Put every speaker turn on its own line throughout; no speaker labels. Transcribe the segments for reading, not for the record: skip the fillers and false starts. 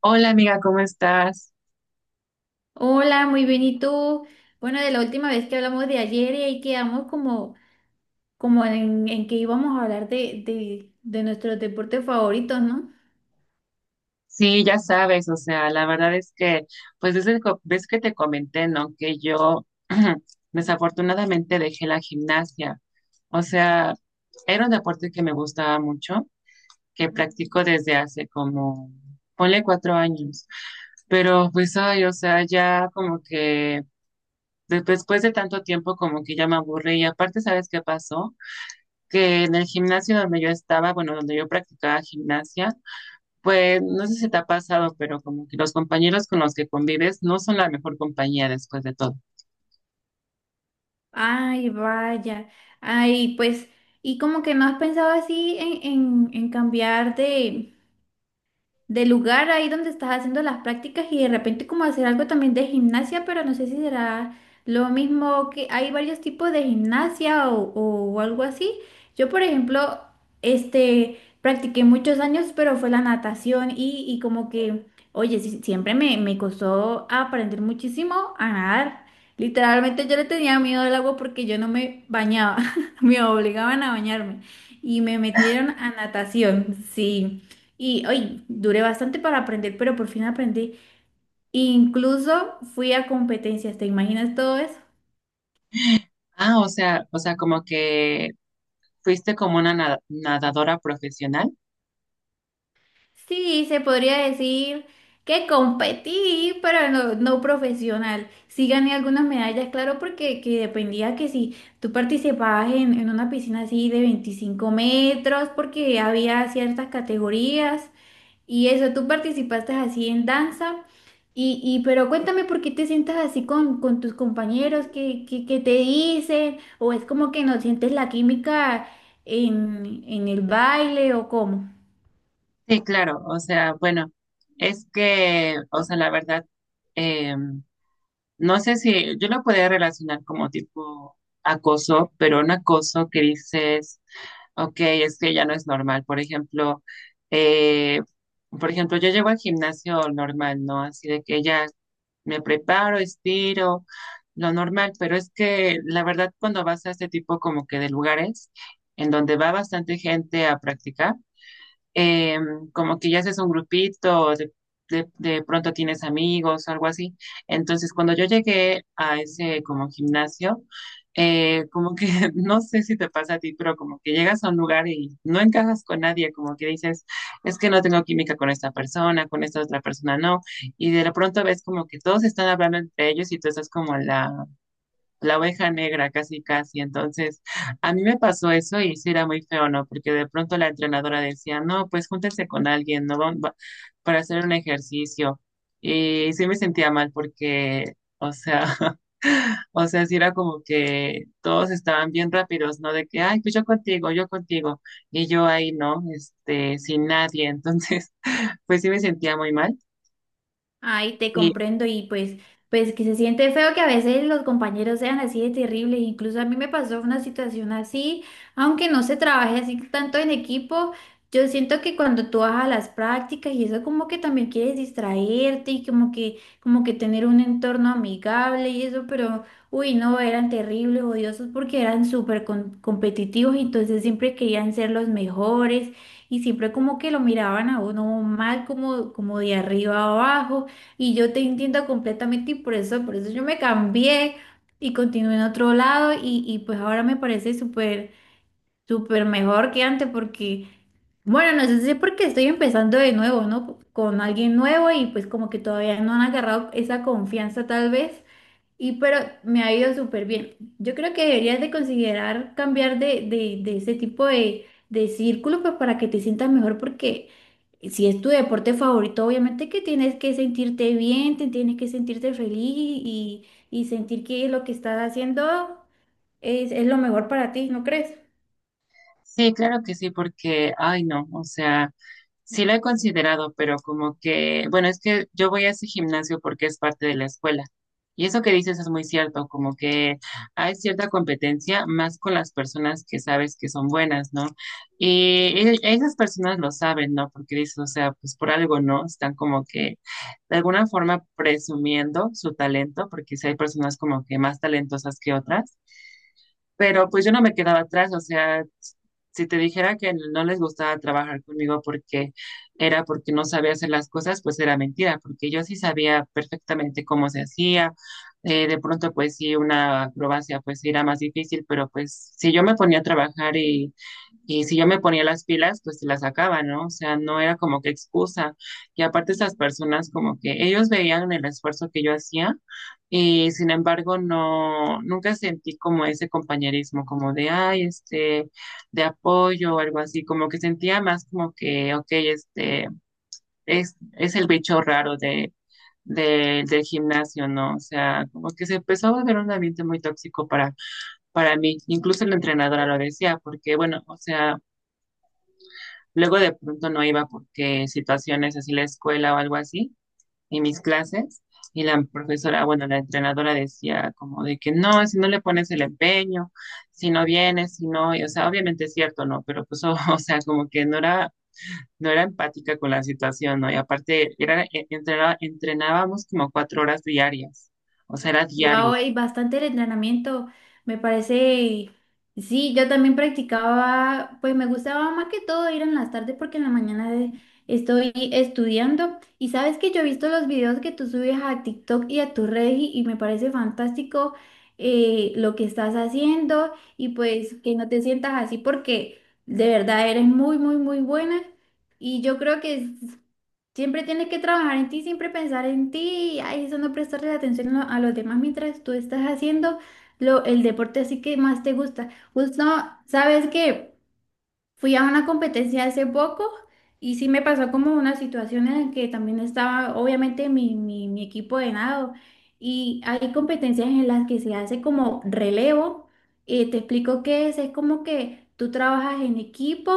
Hola amiga, ¿cómo estás?
Hola, muy bien. ¿Y tú? Bueno, de la última vez que hablamos de ayer y ahí quedamos como, como en que íbamos a hablar de nuestros deportes favoritos, ¿no?
Sí, ya sabes, o sea, la verdad es que, pues desde ves que te comenté, ¿no? Que yo desafortunadamente dejé la gimnasia. O sea, era un deporte que me gustaba mucho, que practico desde hace como, ponle 4 años. Pero pues, ay, o sea, ya como que después de tanto tiempo como que ya me aburrí. Y aparte, ¿sabes qué pasó? Que en el gimnasio donde yo estaba, bueno, donde yo practicaba gimnasia, pues no sé si te ha pasado, pero como que los compañeros con los que convives no son la mejor compañía después de todo.
Ay, vaya. Ay, pues, y como que no has pensado así en, en cambiar de, del lugar ahí donde estás haciendo las prácticas y de repente como hacer algo también de gimnasia, pero no sé si será lo mismo que hay varios tipos de gimnasia o algo así. Yo, por ejemplo, este, practiqué muchos años, pero fue la natación y como que, oye, sí, siempre me, me costó aprender muchísimo a nadar. Literalmente yo le tenía miedo al agua porque yo no me bañaba, me obligaban a bañarme y me metieron a natación, sí. Y hoy duré bastante para aprender, pero por fin aprendí. Incluso fui a competencias, ¿te imaginas todo eso?
Ah, o sea, como que fuiste como una nadadora profesional.
Sí, se podría decir que competí, pero no, no profesional. Sí gané algunas medallas, claro, porque que dependía que si tú participabas en una piscina así de 25 metros, porque había ciertas categorías. Y eso, tú participaste así en danza. Y pero cuéntame por qué te sientas así con tus compañeros, qué, qué te dicen, o es como que no sientes la química en el baile o cómo.
Sí, claro, o sea, bueno, es que, o sea, la verdad, eh, no sé si yo lo podría relacionar como tipo acoso, pero un acoso que dices: Ok, es que ya no es normal. Eh, por ejemplo, yo llevo al gimnasio normal, ¿no? Así de que ya me preparo, estiro, lo normal, pero es que la verdad cuando vas a este tipo como que de lugares en donde va bastante gente a practicar, eh, como que ya haces un grupito, de pronto tienes amigos, algo así. Entonces, cuando yo llegué a ese como gimnasio, como que no sé si te pasa a ti, pero como que llegas a un lugar y no encajas con nadie, como que dices, es que no tengo química con esta persona, con esta otra persona no, y de pronto ves como que todos están hablando entre ellos y tú estás como en la oveja negra, casi casi. Entonces, a mí me pasó eso y sí era muy feo, ¿no? Porque de pronto la entrenadora decía, no, pues júntense con alguien, ¿no? Para hacer un ejercicio. Y sí me sentía mal porque, o sea, o sea, sí era como que todos estaban bien rápidos, ¿no? De que, ay, pues yo contigo, yo contigo. Y yo ahí, ¿no? Este, sin nadie. Entonces, pues sí me sentía muy mal.
Ay, te
Y
comprendo y pues, pues que se siente feo que a veces los compañeros sean así de terribles. Incluso a mí me pasó una situación así, aunque no se trabaje así tanto en equipo. Yo siento que cuando tú vas a las prácticas y eso como que también quieres distraerte y como que tener un entorno amigable y eso, pero uy, no, eran terribles, odiosos porque eran súper competitivos y entonces siempre querían ser los mejores y siempre como que lo miraban a uno mal como, como de arriba a abajo. Y yo te entiendo completamente y por eso yo me cambié y continué en otro lado y pues ahora me parece súper, súper mejor que antes porque, bueno, no sé si es porque estoy empezando de nuevo, ¿no? Con alguien nuevo y pues como que todavía no han agarrado esa confianza tal vez. Y pero me ha ido súper bien. Yo creo que deberías de considerar cambiar de, de ese tipo de círculo pues para que te sientas mejor porque si es tu deporte favorito, obviamente que tienes que sentirte bien, te tienes que sentirte feliz y sentir que lo que estás haciendo es lo mejor para ti, ¿no crees?
sí, claro que sí, porque, ay, no, o sea... Sí lo he considerado, pero como que, bueno, es que yo voy a ese gimnasio porque es parte de la escuela. Y eso que dices es muy cierto, como que hay cierta competencia más con las personas que sabes que son buenas, ¿no? Y esas personas lo saben, ¿no? Porque dices, o sea, pues por algo, ¿no? Están como que de alguna forma presumiendo su talento, porque si hay personas como que más talentosas que otras. Pero pues yo no me quedaba atrás, o sea, si te dijera que no les gustaba trabajar conmigo porque era porque no sabía hacer las cosas, pues era mentira, porque yo sí sabía perfectamente cómo se hacía. De pronto, pues sí, una acrobacia pues sí era más difícil, pero pues si yo me ponía a trabajar y si yo me ponía las pilas, pues se las sacaba, ¿no? O sea, no era como que excusa. Y aparte esas personas como que ellos veían el esfuerzo que yo hacía y sin embargo, no, nunca sentí como ese compañerismo, como de, ay, este, de apoyo o algo así, como que sentía más como que, ok, este, es el bicho raro de, del gimnasio, ¿no? O sea, como que se empezó a volver un ambiente muy tóxico para mí, incluso la entrenadora lo decía, porque, bueno, o sea, luego de pronto no iba porque situaciones así la escuela o algo así en mis clases y la profesora, bueno, la entrenadora decía como de que no, si no le pones el empeño, si no vienes, si no, y, o sea, obviamente es cierto, ¿no? Pero pues, o, o sea, como que no era, no era empática con la situación, ¿no? Y aparte, era, entrenaba, entrenábamos como 4 horas diarias, o sea, era
Wow,
diario.
hay bastante el entrenamiento, me parece. Sí, yo también practicaba, pues me gustaba más que todo ir en las tardes porque en la mañana estoy estudiando. Y sabes que yo he visto los videos que tú subes a TikTok y a tu red y me parece fantástico lo que estás haciendo y pues que no te sientas así porque de verdad eres muy, muy, muy buena. Y yo creo que siempre tienes que trabajar en ti, siempre pensar en ti, ay, eso no prestarle atención a los demás mientras tú estás haciendo lo, el deporte así que más te gusta. Justo, ¿sabes qué? Fui a una competencia hace poco y sí me pasó como una situación en la que también estaba obviamente mi, mi equipo de nado y hay competencias en las que se hace como relevo. Te explico qué es como que tú trabajas en equipo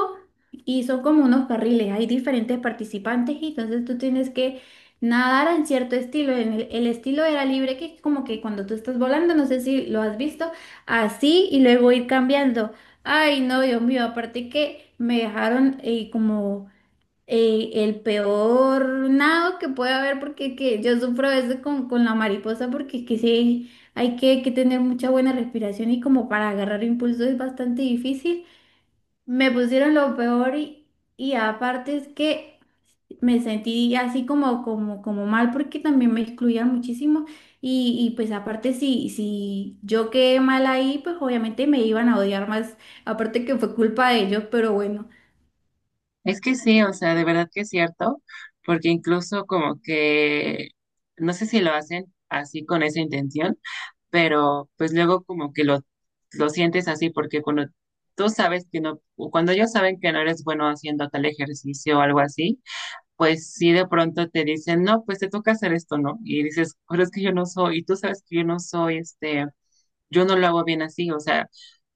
y son como unos carriles, hay diferentes participantes y entonces tú tienes que nadar en cierto estilo. En el estilo era libre que es como que cuando tú estás volando, no sé si lo has visto, así y luego ir cambiando. Ay, no, Dios mío, aparte que me dejaron como el peor nado que puede haber, porque que yo sufro a veces con la mariposa, porque es que sí, hay que tener mucha buena respiración y como para agarrar impulso es bastante difícil. Me pusieron lo peor y aparte es que me sentí así como, como, como mal porque también me excluían muchísimo y pues aparte si, si yo quedé mal ahí, pues obviamente me iban a odiar más, aparte que fue culpa de ellos, pero bueno,
Es que sí, o sea, de verdad que es cierto, porque incluso como que, no sé si lo hacen así con esa intención, pero pues luego como que lo sientes así porque cuando tú sabes que no, o cuando ellos saben que no eres bueno haciendo tal ejercicio o algo así, pues sí de pronto te dicen, no, pues te toca hacer esto, ¿no? Y dices, pero es que yo no soy, y tú sabes que yo no soy este, yo no lo hago bien así, o sea,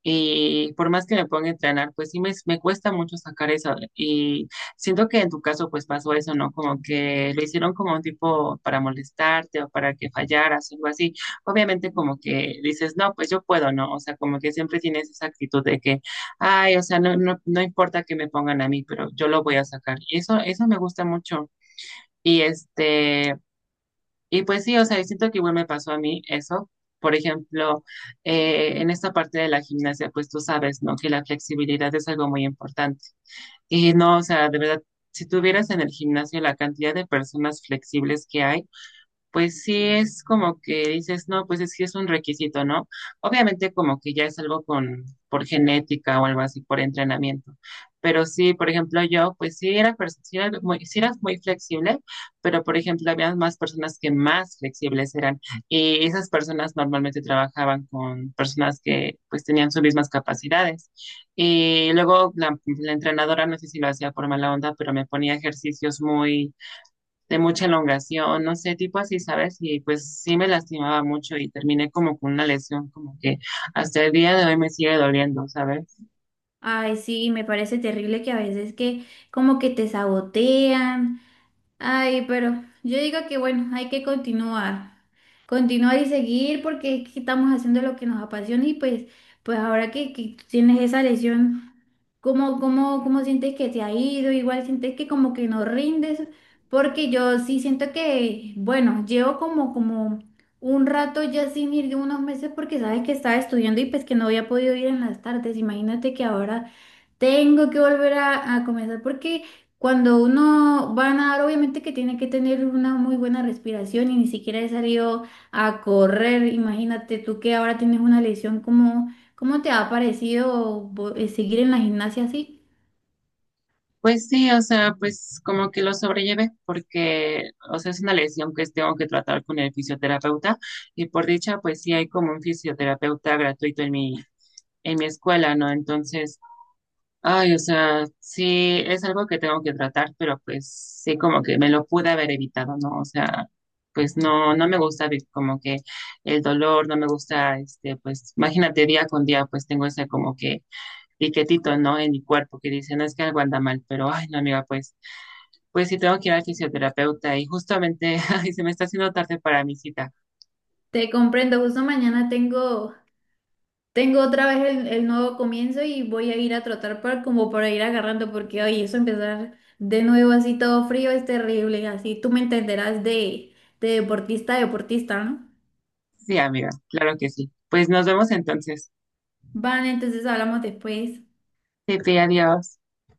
y por más que me ponga a entrenar, pues sí me cuesta mucho sacar eso. Y siento que en tu caso pues pasó eso, ¿no? Como que lo hicieron como un tipo para molestarte o para que fallaras o algo así. Obviamente como que dices, no, pues yo puedo, ¿no? O sea, como que siempre tienes esa actitud de que, ay, o sea, no, no, no importa que me pongan a mí, pero yo lo voy a sacar. Y eso me gusta mucho. Y este... Y pues sí, o sea, siento que igual me pasó a mí eso. Por ejemplo, en esta parte de la gimnasia, pues tú sabes, ¿no? Que la flexibilidad es algo muy importante. Y no, o sea, de verdad, si tuvieras en el gimnasio la cantidad de personas flexibles que hay, pues sí es como que dices, no, pues es que es un requisito, ¿no? Obviamente como que ya es algo con, por genética o algo así, por entrenamiento. Pero sí, por ejemplo, yo, pues sí era, sí era muy flexible, pero por ejemplo, había más personas que más flexibles eran. Y esas personas normalmente trabajaban con personas que pues tenían sus mismas capacidades. Y luego la entrenadora, no sé si lo hacía por mala onda, pero me ponía ejercicios muy de mucha elongación, no sé, tipo así, ¿sabes? Y pues sí me lastimaba mucho y terminé como con una lesión como que hasta el día de hoy me sigue doliendo, ¿sabes?
ay, sí, me parece terrible que a veces que como que te sabotean, ay, pero yo digo que bueno, hay que continuar. Continuar y seguir porque es que estamos haciendo lo que nos apasiona y pues, pues ahora que tienes esa lesión. ¿Cómo, cómo sientes que te ha ido? Igual sientes que como que no rindes, porque yo sí siento que, bueno, llevo como, como un rato ya sin ir de unos meses porque sabes que estaba estudiando y pues que no había podido ir en las tardes. Imagínate que ahora tengo que volver a comenzar porque cuando uno va a nadar, obviamente que tiene que tener una muy buena respiración y ni siquiera he salido a correr. Imagínate tú que ahora tienes una lesión, ¿cómo, cómo te ha parecido seguir en la gimnasia así?
Pues sí, o sea, pues como que lo sobrellevé porque, o sea, es una lesión que tengo que tratar con el fisioterapeuta y por dicha, pues sí hay como un fisioterapeuta gratuito en mi escuela, ¿no? Entonces... Ay, o sea, sí, es algo que tengo que tratar, pero pues sí, como que me lo pude haber evitado, ¿no? O sea, pues no, no me gusta como que el dolor, no me gusta, este, pues imagínate día con día, pues tengo ese como que piquetito, ¿no? En mi cuerpo que dice, no es que algo anda mal, pero ay, no, amiga, pues, pues sí tengo que ir al fisioterapeuta y justamente, ay, se me está haciendo tarde para mi cita.
Te comprendo, justo mañana tengo, tengo otra vez el nuevo comienzo y voy a ir a trotar para, como para ir agarrando porque hoy eso empezar de nuevo así todo frío es terrible, así tú me entenderás de deportista a deportista, ¿no?
Sí, amiga, claro que sí. Pues nos vemos entonces.
Vale, entonces hablamos después.
Sí, sí, adiós.